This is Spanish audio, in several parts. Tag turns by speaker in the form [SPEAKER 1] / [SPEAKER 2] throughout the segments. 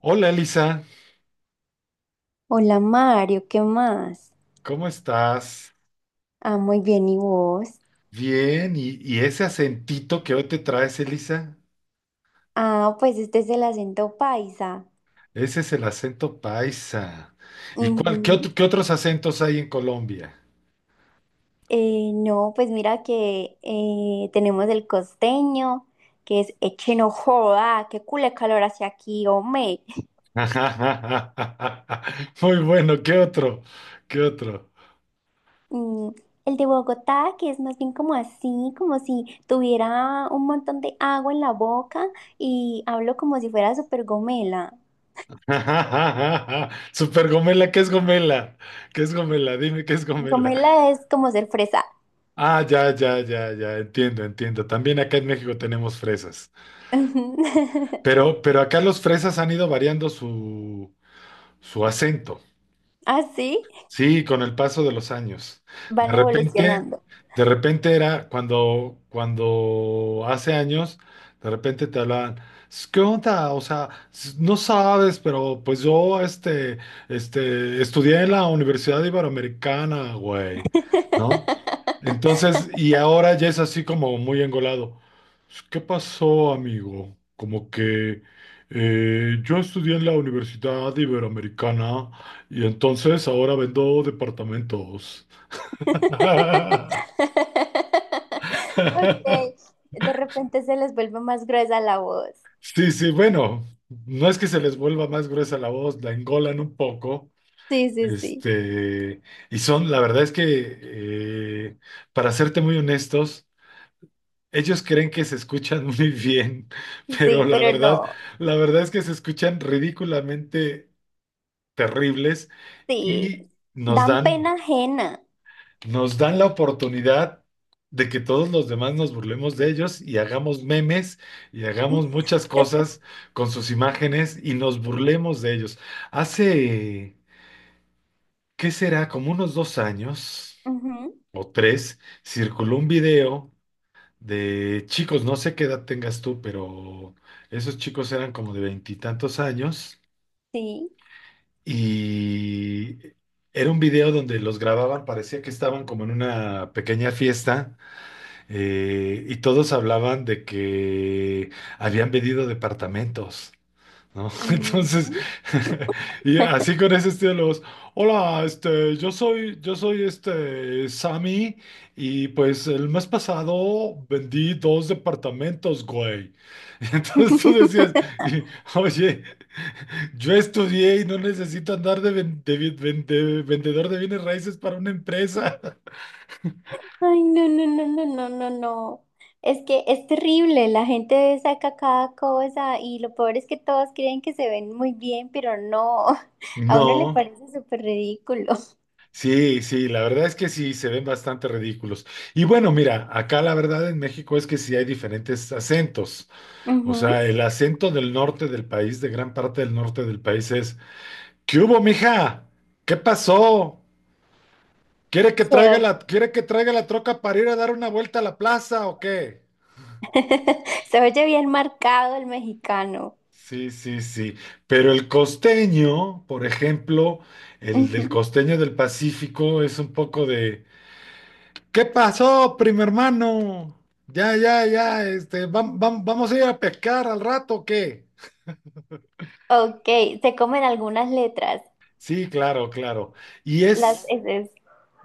[SPEAKER 1] Hola Elisa,
[SPEAKER 2] Hola Mario, ¿qué más?
[SPEAKER 1] ¿cómo estás?
[SPEAKER 2] Ah, muy bien, ¿y vos?
[SPEAKER 1] Bien, y ese acentito que hoy te traes, Elisa,
[SPEAKER 2] Ah, pues este es el acento paisa.
[SPEAKER 1] ese es el acento paisa. ¿Y cuál,
[SPEAKER 2] Ujú.
[SPEAKER 1] qué otros acentos hay en Colombia?
[SPEAKER 2] No, pues mira que tenemos el costeño, que es eche no joda, qué culé calor hacia aquí, hombre.
[SPEAKER 1] Muy bueno, ¿qué otro? ¿Qué otro?
[SPEAKER 2] Mm, el de Bogotá, que es más bien como así, como si tuviera un montón de agua en la boca y hablo como si fuera súper gomela.
[SPEAKER 1] Super Gomela, ¿qué es Gomela? ¿Qué es Gomela? Dime qué es Gomela.
[SPEAKER 2] Gomela es como ser fresa.
[SPEAKER 1] Ah, ya, ya, ya, ya, entiendo, entiendo. También acá en México tenemos fresas. Pero acá los fresas han ido variando su acento.
[SPEAKER 2] ¿Ah, sí?
[SPEAKER 1] Sí, con el paso de los años. De
[SPEAKER 2] Van
[SPEAKER 1] repente,
[SPEAKER 2] evolucionando.
[SPEAKER 1] de repente era cuando hace años, de repente te hablaban, ¿Qué onda? O sea, no sabes, pero pues yo estudié en la Universidad Iberoamericana, güey, ¿no? Entonces, y ahora ya es así como muy engolado. ¿Qué pasó, amigo? Como que yo estudié en la Universidad Iberoamericana. Y entonces ahora vendo departamentos.
[SPEAKER 2] Ok, de repente se les vuelve más gruesa la voz.
[SPEAKER 1] Sí, sí, bueno, no es que se les vuelva más gruesa la voz, la engolan un poco.
[SPEAKER 2] Sí, sí, sí.
[SPEAKER 1] Este, y son, la verdad es que, eh, para serte muy honestos, ellos creen que se escuchan muy bien, pero
[SPEAKER 2] Sí, pero no.
[SPEAKER 1] la verdad es que se escuchan ridículamente terribles
[SPEAKER 2] Sí,
[SPEAKER 1] y nos
[SPEAKER 2] dan pena
[SPEAKER 1] dan.
[SPEAKER 2] ajena.
[SPEAKER 1] nos dan la oportunidad de que todos los demás nos burlemos de ellos y hagamos memes y hagamos muchas cosas con sus imágenes y nos burlemos de ellos. Hace, ¿qué será? Como unos 2 años
[SPEAKER 2] Ujú.
[SPEAKER 1] o tres, circuló un video de chicos, no sé qué edad tengas tú, pero esos chicos eran como de veintitantos años
[SPEAKER 2] Sí.
[SPEAKER 1] y... Era un video donde los grababan, parecía que estaban como en una pequeña fiesta. Y todos hablaban de que habían vendido departamentos, ¿no? Entonces,
[SPEAKER 2] Ujú.
[SPEAKER 1] y así con ese estilo, los, hola, yo soy Sammy, y pues el mes pasado vendí dos departamentos, güey. Y entonces tú decías, y, oye, yo estudié y no necesito andar de vendedor de bienes raíces para una empresa.
[SPEAKER 2] Ay, no, no, no, no, no, no, no. Es que es terrible, la gente saca cada cosa y lo peor es que todos creen que se ven muy bien, pero no, a uno le
[SPEAKER 1] No.
[SPEAKER 2] parece súper ridículo.
[SPEAKER 1] Sí, sí, la verdad es que sí, se ven bastante ridículos. Y bueno, mira, acá la verdad en México es que sí hay diferentes acentos. O
[SPEAKER 2] Ujú.
[SPEAKER 1] sea, el acento del norte del país, de gran parte del norte del país es, ¿qué hubo, mija? ¿Qué pasó? ¿Quiere que
[SPEAKER 2] Se
[SPEAKER 1] traiga
[SPEAKER 2] oye,
[SPEAKER 1] la, quiere que traiga la troca para ir a dar una vuelta a la plaza o qué?
[SPEAKER 2] se oye bien marcado el mexicano.
[SPEAKER 1] Sí, sí, sí. Pero el costeño, por ejemplo, el del
[SPEAKER 2] Ujú.
[SPEAKER 1] costeño del Pacífico es un poco de... ¿Qué pasó, primo hermano? Ya, ya, ya, vamos a ir a pescar al rato, ¿o qué?
[SPEAKER 2] Ok, se comen algunas letras,
[SPEAKER 1] Sí, claro, claro. Y
[SPEAKER 2] las
[SPEAKER 1] es,
[SPEAKER 2] eses.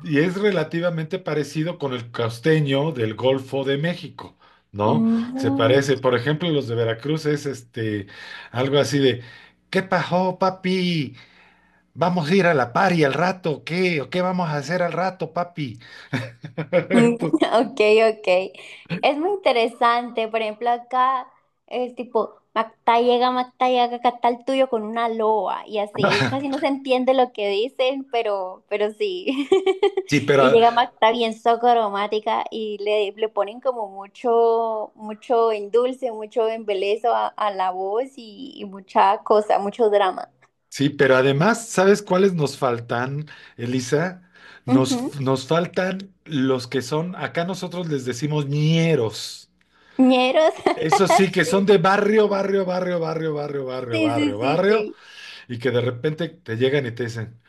[SPEAKER 1] y es relativamente parecido con el costeño del Golfo de México, ¿no? Se parece, por ejemplo, los de Veracruz es algo así de, ¿qué pasó, papi? Vamos a ir a la pari al rato, ¿o qué? ¿O qué vamos a hacer al rato, papi?
[SPEAKER 2] Mm.
[SPEAKER 1] Tú-
[SPEAKER 2] Ok, ok. Es muy interesante. Por ejemplo, acá es tipo Mactayaga, Mactayaga, acá está el tuyo con una loa y así. Y casi no se entiende lo que dicen, pero sí.
[SPEAKER 1] Sí,
[SPEAKER 2] Y
[SPEAKER 1] pero
[SPEAKER 2] llega Macta bien aromática y le ponen como mucho, mucho endulce, mucho embelezo a la voz y mucha cosa, mucho drama.
[SPEAKER 1] sí, pero además, ¿sabes cuáles nos faltan, Elisa?
[SPEAKER 2] Ujú.
[SPEAKER 1] Nos faltan los que son, acá nosotros les decimos ñeros.
[SPEAKER 2] Ñeros.
[SPEAKER 1] Eso sí, que son de barrio, barrio, barrio, barrio, barrio, barrio,
[SPEAKER 2] Sí, sí,
[SPEAKER 1] barrio,
[SPEAKER 2] sí,
[SPEAKER 1] barrio,
[SPEAKER 2] sí,
[SPEAKER 1] y que de repente te llegan y te dicen,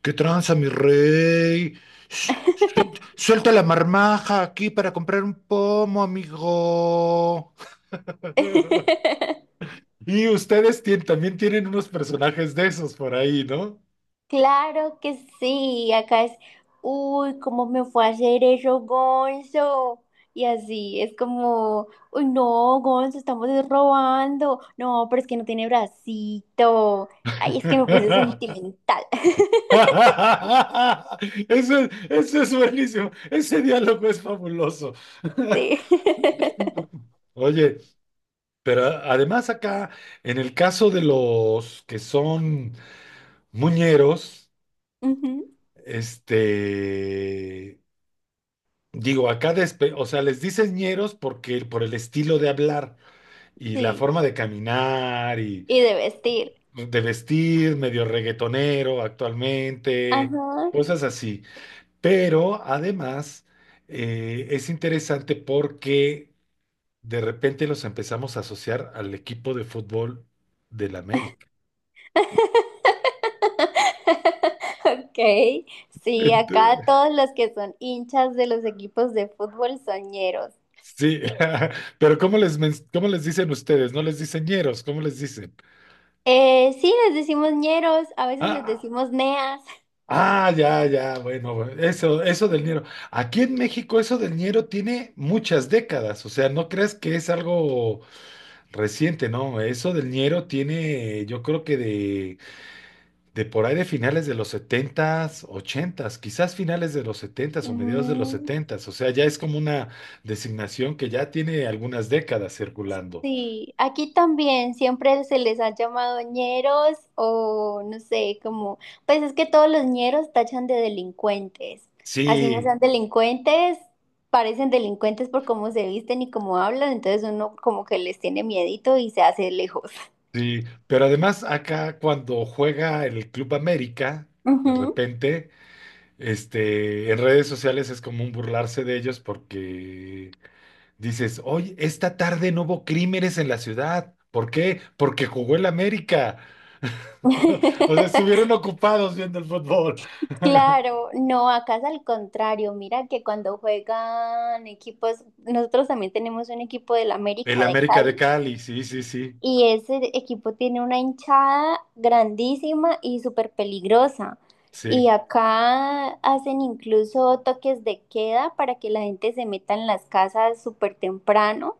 [SPEAKER 1] ¿qué tranza, mi rey? Sh- Suelta la marmaja aquí para comprar un pomo, amigo.
[SPEAKER 2] sí.
[SPEAKER 1] Y ustedes también tienen unos personajes de esos por ahí, ¿no?
[SPEAKER 2] Claro que sí, acá es, uy, ¿cómo me fue a hacer eso, Gonzo? Y así, es como, uy, no, Gonzo, estamos robando. No, pero es que no tiene bracito. Ay, es que me puse sentimental.
[SPEAKER 1] Eso es buenísimo. Ese diálogo es fabuloso.
[SPEAKER 2] Sí.
[SPEAKER 1] Oye, pero además acá, en el caso de los que son muñeros,
[SPEAKER 2] Ujú,
[SPEAKER 1] este, digo, acá, o sea, les dicen ñeros porque por el estilo de hablar y la
[SPEAKER 2] sí,
[SPEAKER 1] forma de caminar y
[SPEAKER 2] y de vestir.
[SPEAKER 1] de vestir, medio reggaetonero actualmente,
[SPEAKER 2] Ajá.
[SPEAKER 1] cosas así. Pero además es interesante porque de repente los empezamos a asociar al equipo de fútbol del América.
[SPEAKER 2] Ok, sí,
[SPEAKER 1] Ent-
[SPEAKER 2] acá todos los que son hinchas de los equipos de fútbol soñeros.
[SPEAKER 1] sí, pero ¿cómo les, cómo les dicen ustedes? ¿No les dicen ñeros? ¿Cómo les dicen?
[SPEAKER 2] Sí, les decimos ñeros, a veces les
[SPEAKER 1] Ah,
[SPEAKER 2] decimos neas.
[SPEAKER 1] ah, ya, ya, bueno, bueno, eso del ñero. Aquí en México eso del ñero tiene muchas décadas, o sea, no creas que es algo reciente, no, eso del ñero tiene, yo creo que de por ahí de finales de los setentas, ochentas, quizás finales de los setentas o mediados de los
[SPEAKER 2] Mm,
[SPEAKER 1] setentas. O sea, ya es como una designación que ya tiene algunas décadas circulando.
[SPEAKER 2] sí, aquí también siempre se les ha llamado ñeros o no sé, como, pues es que todos los ñeros tachan de delincuentes. Así no
[SPEAKER 1] Sí,
[SPEAKER 2] sean delincuentes, parecen delincuentes por cómo se visten y cómo hablan, entonces uno como que les tiene miedito y se hace lejos.
[SPEAKER 1] sí, pero además acá cuando juega el Club América, de
[SPEAKER 2] Ujú.
[SPEAKER 1] repente, en redes sociales es común burlarse de ellos porque dices, oye, esta tarde no hubo crímenes en la ciudad. ¿Por qué? Porque jugó el América. O sea, estuvieron ocupados viendo el fútbol.
[SPEAKER 2] Claro, no, acá es al contrario. Mira que cuando juegan equipos, nosotros también tenemos un equipo del
[SPEAKER 1] El
[SPEAKER 2] América de
[SPEAKER 1] América de
[SPEAKER 2] Cali
[SPEAKER 1] Cali, sí, sí, sí,
[SPEAKER 2] y ese equipo tiene una hinchada grandísima y súper peligrosa. Y
[SPEAKER 1] sí,
[SPEAKER 2] acá hacen incluso toques de queda para que la gente se meta en las casas súper temprano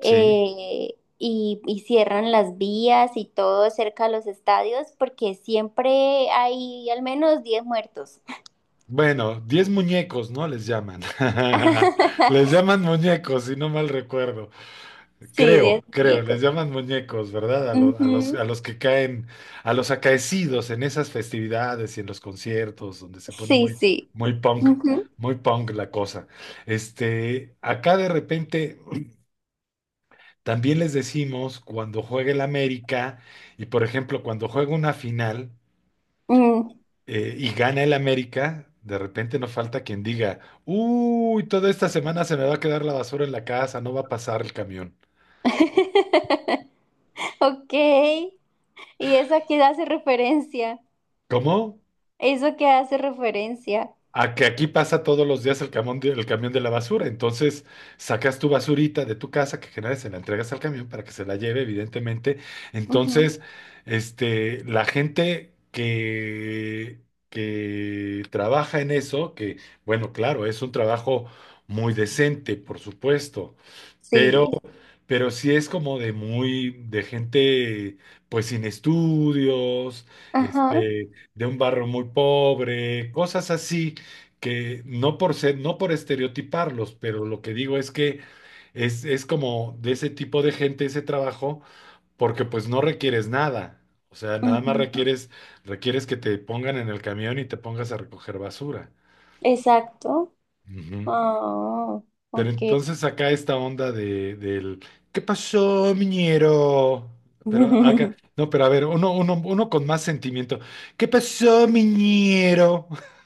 [SPEAKER 1] sí.
[SPEAKER 2] y cierran las vías y todo cerca de los estadios porque siempre hay al menos 10 muertos.
[SPEAKER 1] Bueno, 10 muñecos, ¿no? Les llaman. Les llaman muñecos, si no mal recuerdo.
[SPEAKER 2] Sí,
[SPEAKER 1] Creo,
[SPEAKER 2] 10
[SPEAKER 1] creo,
[SPEAKER 2] muñecos.
[SPEAKER 1] les llaman muñecos, ¿verdad?
[SPEAKER 2] Ujú.
[SPEAKER 1] A los que caen, a los acaecidos en esas festividades y en los conciertos, donde se pone
[SPEAKER 2] Sí,
[SPEAKER 1] muy,
[SPEAKER 2] sí.
[SPEAKER 1] muy punk,
[SPEAKER 2] Ujú.
[SPEAKER 1] muy punk la cosa. Acá de repente también les decimos cuando juegue el América, y por ejemplo, cuando juega una final,
[SPEAKER 2] Mm.
[SPEAKER 1] y gana el América, de repente nos falta quien diga, uy, toda esta semana se me va a quedar la basura en la casa, no va a pasar el camión.
[SPEAKER 2] Ok. ¿Y eso a qué hace referencia?
[SPEAKER 1] ¿Cómo?
[SPEAKER 2] ¿Eso que hace referencia?
[SPEAKER 1] A que aquí pasa todos los días el camión de la basura. Entonces, sacas tu basurita de tu casa que generas, se la entregas al camión para que se la lleve, evidentemente.
[SPEAKER 2] Ujú.
[SPEAKER 1] Entonces, la gente que, trabaja en eso, que, bueno, claro, es un trabajo muy decente, por supuesto, pero
[SPEAKER 2] Sí.
[SPEAKER 1] pero sí es como de muy, de gente pues sin estudios,
[SPEAKER 2] Ajá.
[SPEAKER 1] de un barrio muy pobre, cosas así, que no por ser, no por estereotiparlos, pero lo que digo es que es como de ese tipo de gente ese trabajo, porque pues no requieres nada. O sea, nada más
[SPEAKER 2] Ujú.
[SPEAKER 1] requieres, requieres que te pongan en el camión y te pongas a recoger basura.
[SPEAKER 2] Exacto.
[SPEAKER 1] Ujú.
[SPEAKER 2] Ah,
[SPEAKER 1] Pero
[SPEAKER 2] ok.
[SPEAKER 1] entonces acá esta onda de, del ¿qué pasó, miñero? Pero acá, no, pero a ver, uno, uno, uno con más sentimiento. ¿Qué pasó, miñero?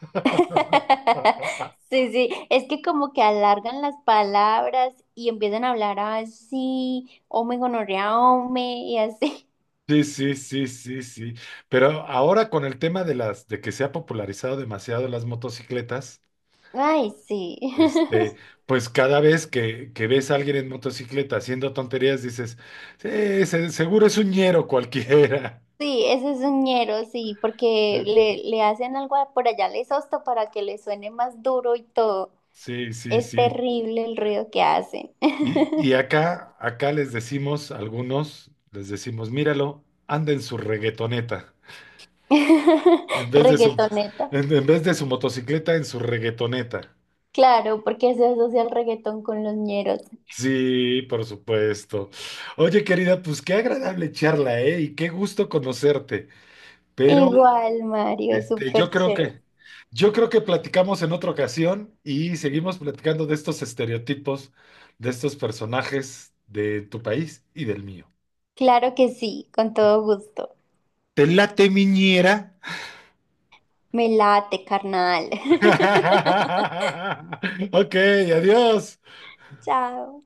[SPEAKER 2] Sí, sí, es que como que alargan las palabras y empiezan a hablar así, ome gonorrea, ome, y así.
[SPEAKER 1] Sí, sí, sí, sí, sí. Pero ahora con el tema de las, de que se ha popularizado demasiado las motocicletas,
[SPEAKER 2] Ay, sí.
[SPEAKER 1] este, pues cada vez que ves a alguien en motocicleta haciendo tonterías, dices, sí, seguro es un ñero cualquiera.
[SPEAKER 2] Sí, ese es un ñero, sí, porque le hacen algo a- por allá, les sosto para que le suene más duro y todo.
[SPEAKER 1] Sí, sí,
[SPEAKER 2] Es
[SPEAKER 1] sí.
[SPEAKER 2] terrible el ruido que hacen.
[SPEAKER 1] Y acá, acá les decimos, algunos les decimos, míralo, anda en su reggaetoneta, en vez de su,
[SPEAKER 2] Reggaetoneta.
[SPEAKER 1] en vez de su motocicleta, en su reggaetoneta.
[SPEAKER 2] Claro, porque se asocia el reggaetón con los ñeros.
[SPEAKER 1] Sí, por supuesto. Oye, querida, pues qué agradable charla, ¿eh? Y qué gusto conocerte. Pero,
[SPEAKER 2] Igual, Mario,
[SPEAKER 1] este, yo
[SPEAKER 2] súper
[SPEAKER 1] creo
[SPEAKER 2] chévere.
[SPEAKER 1] que, yo creo que platicamos en otra ocasión y seguimos platicando de estos estereotipos, de estos personajes de tu país y del mío.
[SPEAKER 2] Claro que sí, con todo gusto.
[SPEAKER 1] ¿Te late, miñera?
[SPEAKER 2] Me late, carnal.
[SPEAKER 1] ok, adiós.
[SPEAKER 2] Chao.